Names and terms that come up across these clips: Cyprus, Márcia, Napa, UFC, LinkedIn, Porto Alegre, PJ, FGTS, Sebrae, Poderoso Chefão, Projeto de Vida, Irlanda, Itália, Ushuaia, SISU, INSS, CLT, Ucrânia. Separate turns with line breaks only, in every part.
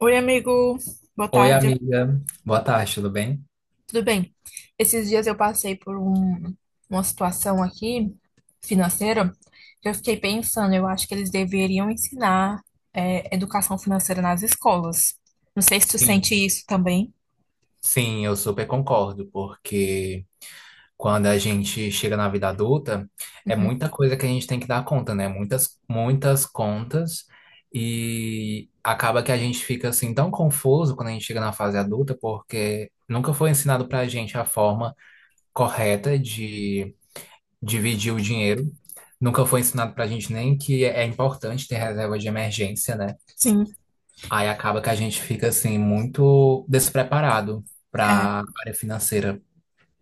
Oi, amigo. Boa
Oi,
tarde.
amiga. Boa tarde, tudo bem?
Tudo bem? Esses dias eu passei por uma situação aqui financeira que eu fiquei pensando, eu acho que eles deveriam ensinar educação financeira nas escolas. Não sei se tu sente
Sim,
isso também.
sim, eu super concordo, porque quando a gente chega na vida adulta, é
Uhum.
muita coisa que a gente tem que dar conta, né? Muitas, muitas contas, e acaba que a gente fica assim tão confuso quando a gente chega na fase adulta, porque nunca foi ensinado pra gente a forma correta de dividir o dinheiro, nunca foi ensinado pra gente nem que é importante ter reserva de emergência, né?
Sim,
Aí acaba que a gente fica assim muito despreparado
é.
para área financeira.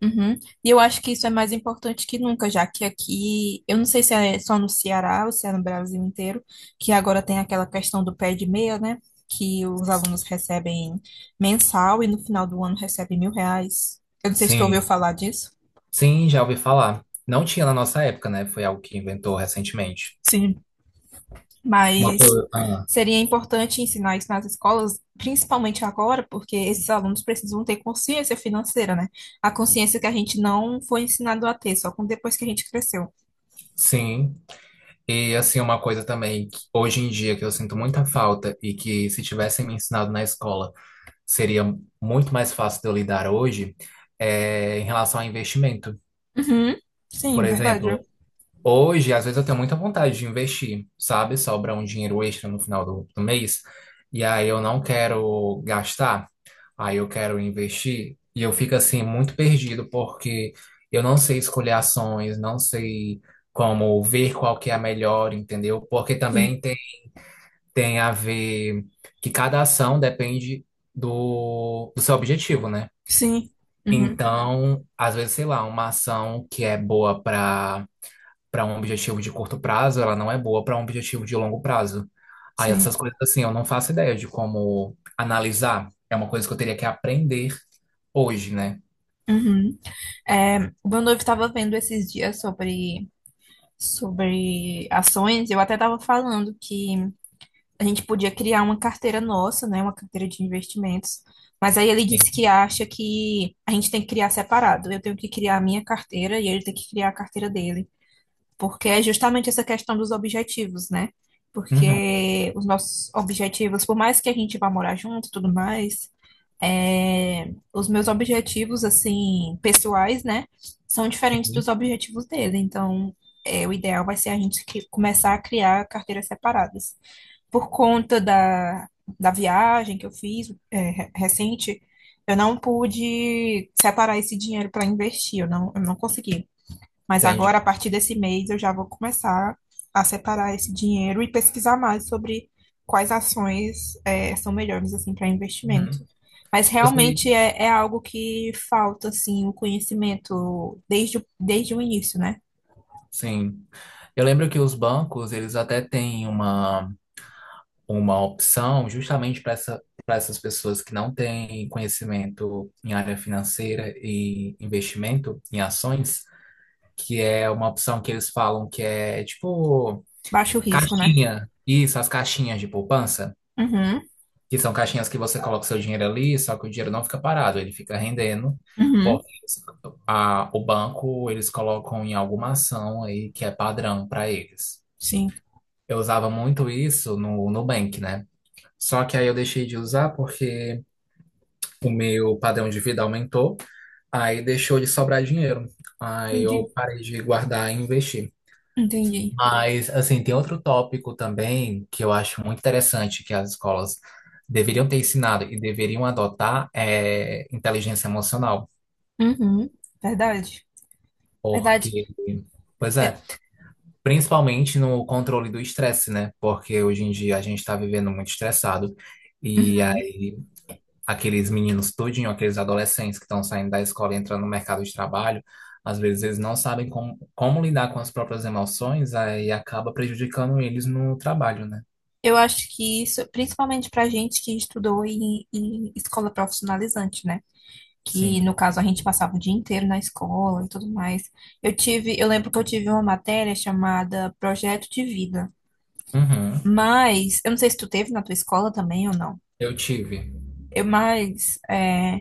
Uhum. E eu acho que isso é mais importante que nunca, já que aqui, eu não sei se é só no Ceará ou se é no Brasil inteiro, que agora tem aquela questão do pé de meia, né? Que os alunos recebem mensal e no final do ano recebem 1.000 reais. Eu não sei se tu ouviu
Sim,
falar disso.
sim, já ouvi falar. Não tinha na nossa época, né? Foi algo que inventou recentemente.
Sim.
Uma
Mas
coisa, ah,
seria importante ensinar isso nas escolas, principalmente agora, porque esses alunos precisam ter consciência financeira, né? A consciência que a gente não foi ensinado a ter, só com depois que a gente cresceu.
sim. E assim, uma coisa também que hoje em dia que eu sinto muita falta e que se tivessem me ensinado na escola seria muito mais fácil de eu lidar hoje é em relação a investimento.
Uhum.
Por
Sim, verdade.
exemplo, hoje, às vezes, eu tenho muita vontade de investir, sabe? Sobra um dinheiro extra no final do mês. E aí eu não quero gastar, aí eu quero investir. E eu fico assim muito perdido, porque eu não sei escolher ações, não sei como ver qual que é a melhor, entendeu? Porque
Sim,
também tem a ver que cada ação depende do seu objetivo, né?
sim, uhum,
Então, às vezes, sei lá, uma ação que é boa para um objetivo de curto prazo, ela não é boa para um objetivo de longo prazo. Aí
sim,
essas coisas assim, eu não faço ideia de como analisar. É uma coisa que eu teria que aprender hoje, né?
uhum. É, o meu noivo estava vendo esses dias sobre ações, eu até estava falando que a gente podia criar uma carteira nossa, né, uma carteira de investimentos, mas aí ele disse que
Sim.
acha que a gente tem que criar separado, eu tenho que criar a minha carteira e ele tem que criar a carteira dele, porque é justamente essa questão dos objetivos, né?
Uhum.
Porque os nossos objetivos, por mais que a gente vá morar junto e tudo mais, os meus objetivos, assim, pessoais, né, são diferentes
Sim,
dos objetivos dele. Então, o ideal vai ser a gente começar a criar carteiras separadas. Por conta da viagem que eu fiz, recente, eu não pude separar esse dinheiro para investir, eu não consegui. Mas
entendi.
agora, a partir desse mês, eu já vou começar a separar esse dinheiro e pesquisar mais sobre quais ações são melhores assim para investimento.
Uhum.
Mas
Eu sei,
realmente é algo que falta assim o conhecimento desde o início, né?
sim. Eu lembro que os bancos, eles até têm uma opção justamente para para essas pessoas que não têm conhecimento em área financeira e investimento em ações, que é uma opção que eles falam que é tipo
Baixo risco, né?
caixinha. Isso, as caixinhas de poupança,
Uhum,
que são caixinhas que você coloca o seu dinheiro ali, só que o dinheiro não fica parado, ele fica rendendo.
uhum,
Porque eles- o banco, eles colocam em alguma ação aí que é padrão para eles.
sim,
Eu usava muito isso no Nubank, né? Só que aí eu deixei de usar porque o meu padrão de vida aumentou, aí deixou de sobrar dinheiro. Aí
entendi,
eu parei de guardar e investir.
entendi.
Mas, assim, tem outro tópico também que eu acho muito interessante que as escolas deveriam ter ensinado e deveriam adotar é inteligência emocional,
Uhum, verdade, verdade.
porque, pois
É,
é, principalmente no controle do estresse, né? Porque hoje em dia a gente está vivendo muito estressado e aí aqueles meninos tudinho, aqueles adolescentes que estão saindo da escola e entrando no mercado de trabalho, às vezes eles não sabem como lidar com as próprias emoções, aí acaba prejudicando eles no trabalho, né?
eu acho que isso, principalmente para gente que estudou em escola profissionalizante, né? Que no
Sim.
caso a gente passava o dia inteiro na escola e tudo mais. Eu lembro que eu tive uma matéria chamada Projeto de Vida,
Uhum.
mas eu não sei se tu teve na tua escola também ou não.
Eu tive.
Eu, mas é,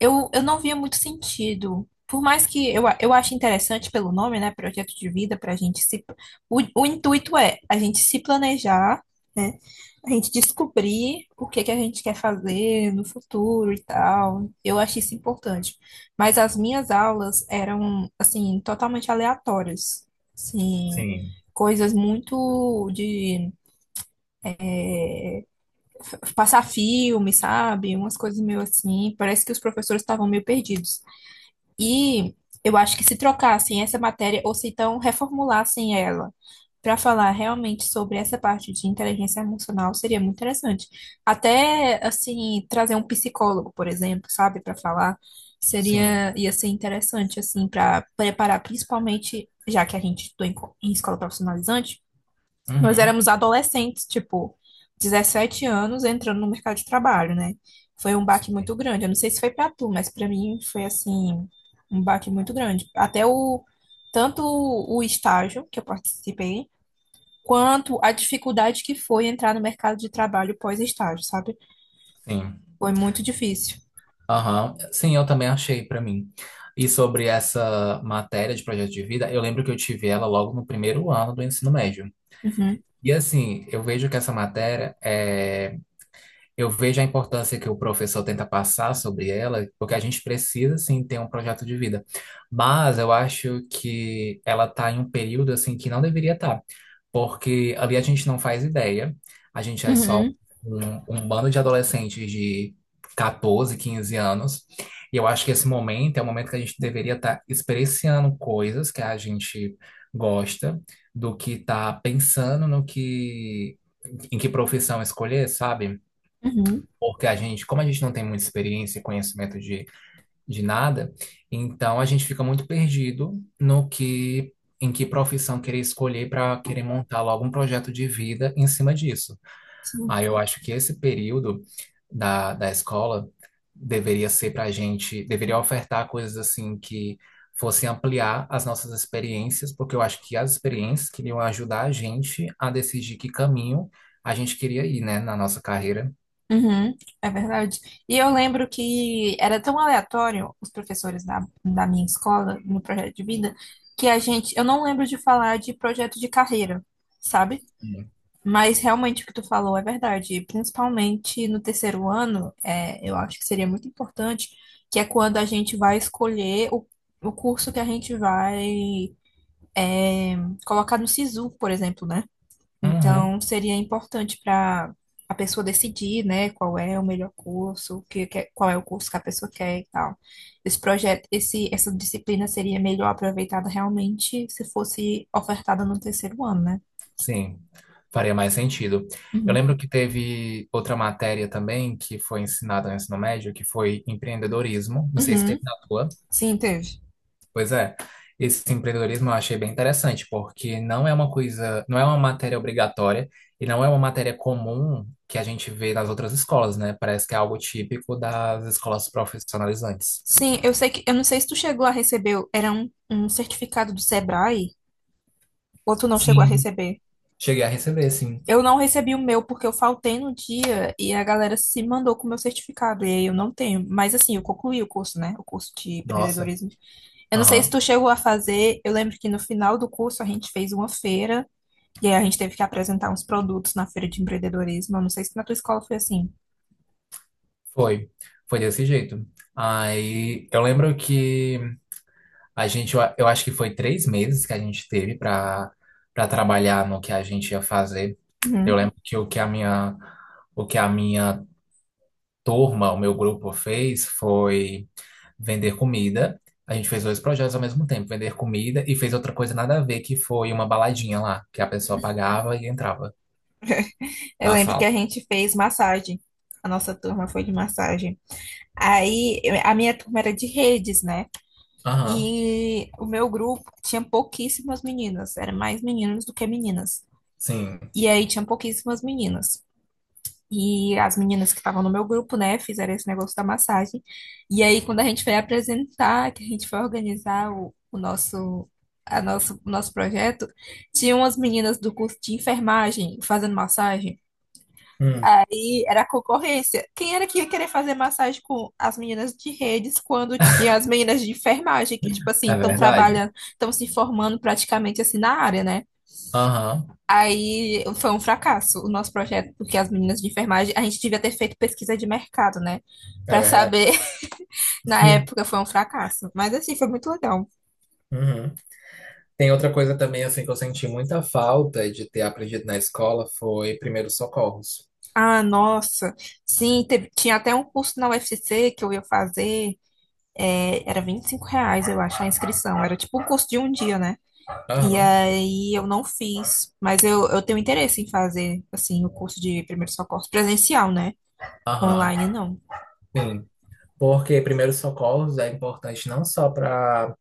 eu não via muito sentido. Por mais que eu ache interessante pelo nome, né? Projeto de vida, para a gente se. O intuito é a gente se planejar, né, a gente descobrir o que que a gente quer fazer no futuro e tal. Eu achei isso importante. Mas as minhas aulas eram, assim, totalmente aleatórias. Assim,
Sim.
coisas muito de passar filme, sabe? Umas coisas meio assim. Parece que os professores estavam meio perdidos. E eu acho que se trocassem essa matéria, ou se então reformulassem ela, para falar realmente sobre essa parte de inteligência emocional, seria muito interessante. Até, assim, trazer um psicólogo, por exemplo, sabe, para falar,
Sim.
seria, ia ser interessante, assim, para preparar, principalmente, já que a gente estudou em escola profissionalizante. Nós
Uhum.
éramos adolescentes, tipo, 17 anos entrando no mercado de trabalho, né? Foi um baque muito
Sim.
grande. Eu não sei se foi pra tu, mas pra mim foi assim, um baque muito grande. Até o tanto o estágio que eu participei, quanto a dificuldade que foi entrar no mercado de trabalho pós-estágio, sabe?
Sim.
Foi muito difícil.
Aham. Sim, eu também achei pra mim. E sobre essa matéria de projeto de vida, eu lembro que eu tive ela logo no primeiro ano do ensino médio.
Uhum,
E assim, eu vejo que essa matéria é... eu vejo a importância que o professor tenta passar sobre ela, porque a gente precisa sim ter um projeto de vida. Mas eu acho que ela tá em um período assim que não deveria estar, porque ali a gente não faz ideia, a gente é só
uhum,
um bando de adolescentes de 14, 15 anos, e eu acho que esse momento é o momento que a gente deveria estar experienciando coisas que a gente gosta, do que estar pensando no que, em que profissão escolher, sabe?
uhum.
Porque a gente, como a gente não tem muita experiência e conhecimento de nada, então a gente fica muito perdido no que, em que profissão querer escolher para querer montar logo um projeto de vida em cima disso. Aí eu acho que esse período da escola deveria ser para a gente, deveria ofertar coisas assim que fossem ampliar as nossas experiências, porque eu acho que as experiências queriam ajudar a gente a decidir que caminho a gente queria ir, né, na nossa carreira.
Uhum, é verdade. E eu lembro que era tão aleatório os professores da minha escola, no projeto de vida, que a gente. Eu não lembro de falar de projeto de carreira, sabe? Mas realmente o que tu falou é verdade. E principalmente no terceiro ano, eu acho que seria muito importante, que é quando a gente vai escolher o curso que a gente vai colocar no SISU, por exemplo, né?
Uhum.
Então, seria importante para a pessoa decidir, né, qual é o melhor curso, o que, qual é o curso que a pessoa quer e tal. Esse projeto, esse, essa disciplina seria melhor aproveitada realmente se fosse ofertada no terceiro ano, né?
Sim, faria mais sentido. Eu
Uhum.
lembro que teve outra matéria também que foi ensinada no ensino médio, que foi empreendedorismo. Não sei se
Uhum.
teve na tua.
Sim, teve.
Pois é. Esse empreendedorismo eu achei bem interessante, porque não é uma coisa, não é uma matéria obrigatória e não é uma matéria comum que a gente vê nas outras escolas, né? Parece que é algo típico das escolas profissionalizantes.
Sim, eu sei que, eu não sei se tu chegou a receber, era um certificado do Sebrae, ou tu não chegou a
Sim,
receber?
cheguei a receber, sim.
Eu não recebi o meu porque eu faltei no dia e a galera se mandou com o meu certificado. E aí eu não tenho. Mas assim, eu concluí o curso, né? O curso de
Nossa,
empreendedorismo. Eu não sei se
aham.
tu chegou a fazer. Eu lembro que no final do curso a gente fez uma feira e aí a gente teve que apresentar uns produtos na feira de empreendedorismo. Eu não sei se na tua escola foi assim.
Foi. Foi desse jeito. Aí eu lembro que a gente, eu acho que foi 3 meses que a gente teve para trabalhar no que a gente ia fazer. Eu
Uhum.
lembro que o que a minha turma, o meu grupo fez foi vender comida. A gente fez dois projetos ao mesmo tempo, vender comida e fez outra coisa nada a ver, que foi uma baladinha lá, que a pessoa pagava e entrava
Eu
na
lembro que a
sala.
gente fez massagem. A nossa turma foi de massagem. A minha turma era de redes, né?
Aham,
E o meu grupo tinha pouquíssimas meninas, era mais meninos do que meninas.
sim.
E aí tinha pouquíssimas meninas. E as meninas que estavam no meu grupo, né, fizeram esse negócio da massagem. E aí, quando a gente foi apresentar, que a gente foi organizar o nosso projeto, tinha umas meninas do curso de enfermagem fazendo massagem.
Hum,
Aí era a concorrência. Quem era que ia querer fazer massagem com as meninas de redes quando tinha as meninas de enfermagem, que, tipo assim,
É
estão
verdade?
trabalhando, estão se formando praticamente assim na área, né?
Aham,
Aí foi um fracasso o nosso projeto, porque as meninas de enfermagem, a gente devia ter feito pesquisa de mercado, né?
é
Pra
verdade.
saber, na época foi um fracasso. Mas assim, foi muito legal.
Uhum. Tem outra coisa também, assim, que eu senti muita falta de ter aprendido na escola foi primeiros socorros.
Ah, nossa, sim, tinha até um curso na U F C que eu ia fazer, era 25 reais, eu acho, a inscrição. Era tipo um curso de um dia, né? E
Aham,
aí eu não fiz, mas eu tenho interesse em fazer, assim, o curso de primeiros socorros presencial, né?
aham,
Online, não.
sim. Porque primeiros socorros é importante não só para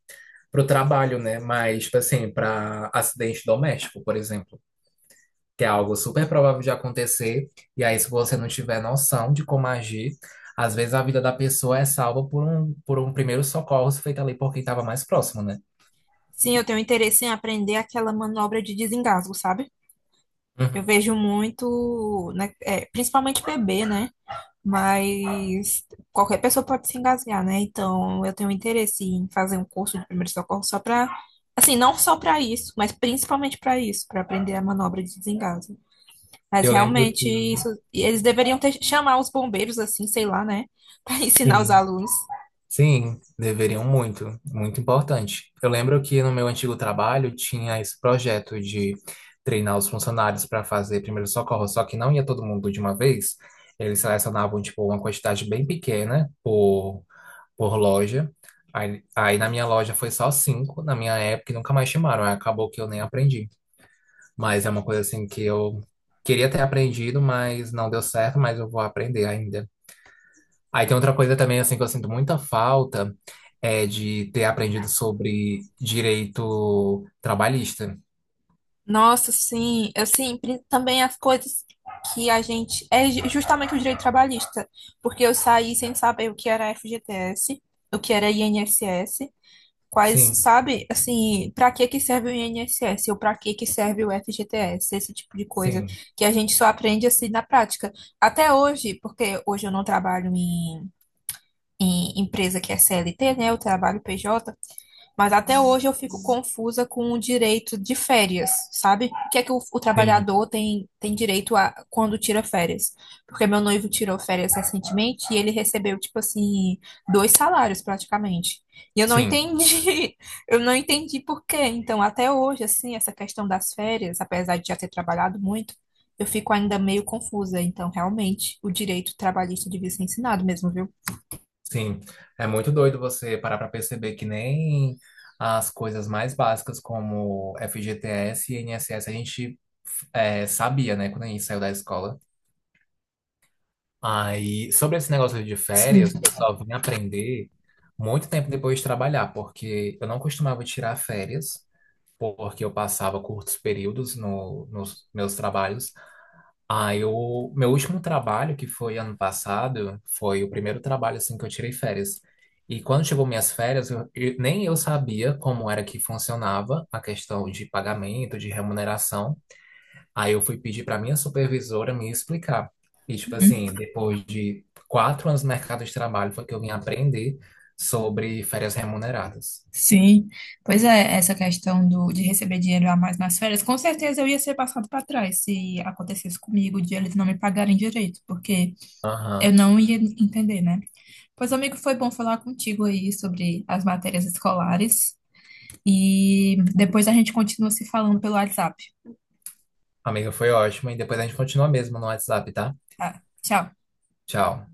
o trabalho, né? Mas, tipo assim, para acidente doméstico, por exemplo, que é algo super provável de acontecer. E aí, se você não tiver noção de como agir, às vezes a vida da pessoa é salva por um primeiro socorro feito ali por quem estava mais próximo, né?
Sim, eu tenho interesse em aprender aquela manobra de desengasgo, sabe? Eu
Uhum.
vejo muito, né, principalmente bebê, né? Mas qualquer pessoa pode se engasgar, né? Então eu tenho interesse em fazer um curso de primeiro socorro só para, assim, não só para isso, mas principalmente para isso, para aprender a manobra de desengasgo. Mas
Eu lembro
realmente
que,
isso, eles deveriam ter chamar os bombeiros, assim, sei lá, né? Para ensinar os
sim.
alunos.
Sim, deveriam muito, muito importante. Eu lembro que no meu antigo trabalho tinha esse projeto de treinar os funcionários para fazer primeiro socorro, só que não ia todo mundo de uma vez. Eles selecionavam tipo uma quantidade bem pequena por loja. Aí na minha loja foi só cinco, na minha época e nunca mais chamaram. Aí acabou que eu nem aprendi. Mas é uma coisa assim que eu queria ter aprendido, mas não deu certo, mas eu vou aprender ainda. Aí tem outra coisa também, assim, que eu sinto muita falta, é de ter aprendido sobre direito trabalhista.
Nossa, sim, assim, também as coisas que a gente. É justamente o direito trabalhista, porque eu saí sem saber o que era FGTS, o que era INSS, quais,
Sim,
sabe, assim, pra que que serve o INSS ou pra que que serve o FGTS, esse tipo de coisa,
sim,
que a gente só aprende assim na prática. Até hoje, porque hoje eu não trabalho em empresa que é CLT, né, eu trabalho PJ, mas até hoje eu fico confusa com o direito de férias, sabe? O que é que o
sim,
trabalhador tem direito a quando tira férias? Porque meu noivo tirou férias recentemente e ele recebeu, tipo assim, dois salários praticamente. E eu não
sim,
entendi. Eu não entendi por quê. Então, até hoje, assim, essa questão das férias, apesar de já ter trabalhado muito, eu fico ainda meio confusa. Então, realmente, o direito trabalhista devia ser ensinado mesmo, viu?
sim. É muito doido você parar pra perceber que nem as coisas mais básicas como FGTS e INSS a gente é, sabia, né, quando a gente saiu da escola. Aí, sobre esse negócio de
Sim.
férias, eu só vim aprender muito tempo depois de trabalhar, porque eu não costumava tirar férias, porque eu passava curtos períodos no, nos meus trabalhos. Aí o meu último trabalho, que foi ano passado, foi o primeiro trabalho assim que eu tirei férias. E quando chegou minhas férias, nem eu sabia como era que funcionava a questão de pagamento, de remuneração. Aí eu fui pedir para minha supervisora me explicar. E tipo assim, depois de 4 anos no mercado de trabalho, foi que eu vim aprender sobre férias remuneradas.
Sim, pois é, essa questão do, de receber dinheiro a mais nas férias, com certeza eu ia ser passado para trás se acontecesse comigo de eles não me pagarem direito, porque eu
Aham.
não ia entender, né? Pois, amigo, foi bom falar contigo aí sobre as matérias escolares e depois a gente continua se falando pelo WhatsApp,
Amiga, foi ótimo. E depois a gente continua mesmo no WhatsApp, tá?
tá? Tchau.
Tchau.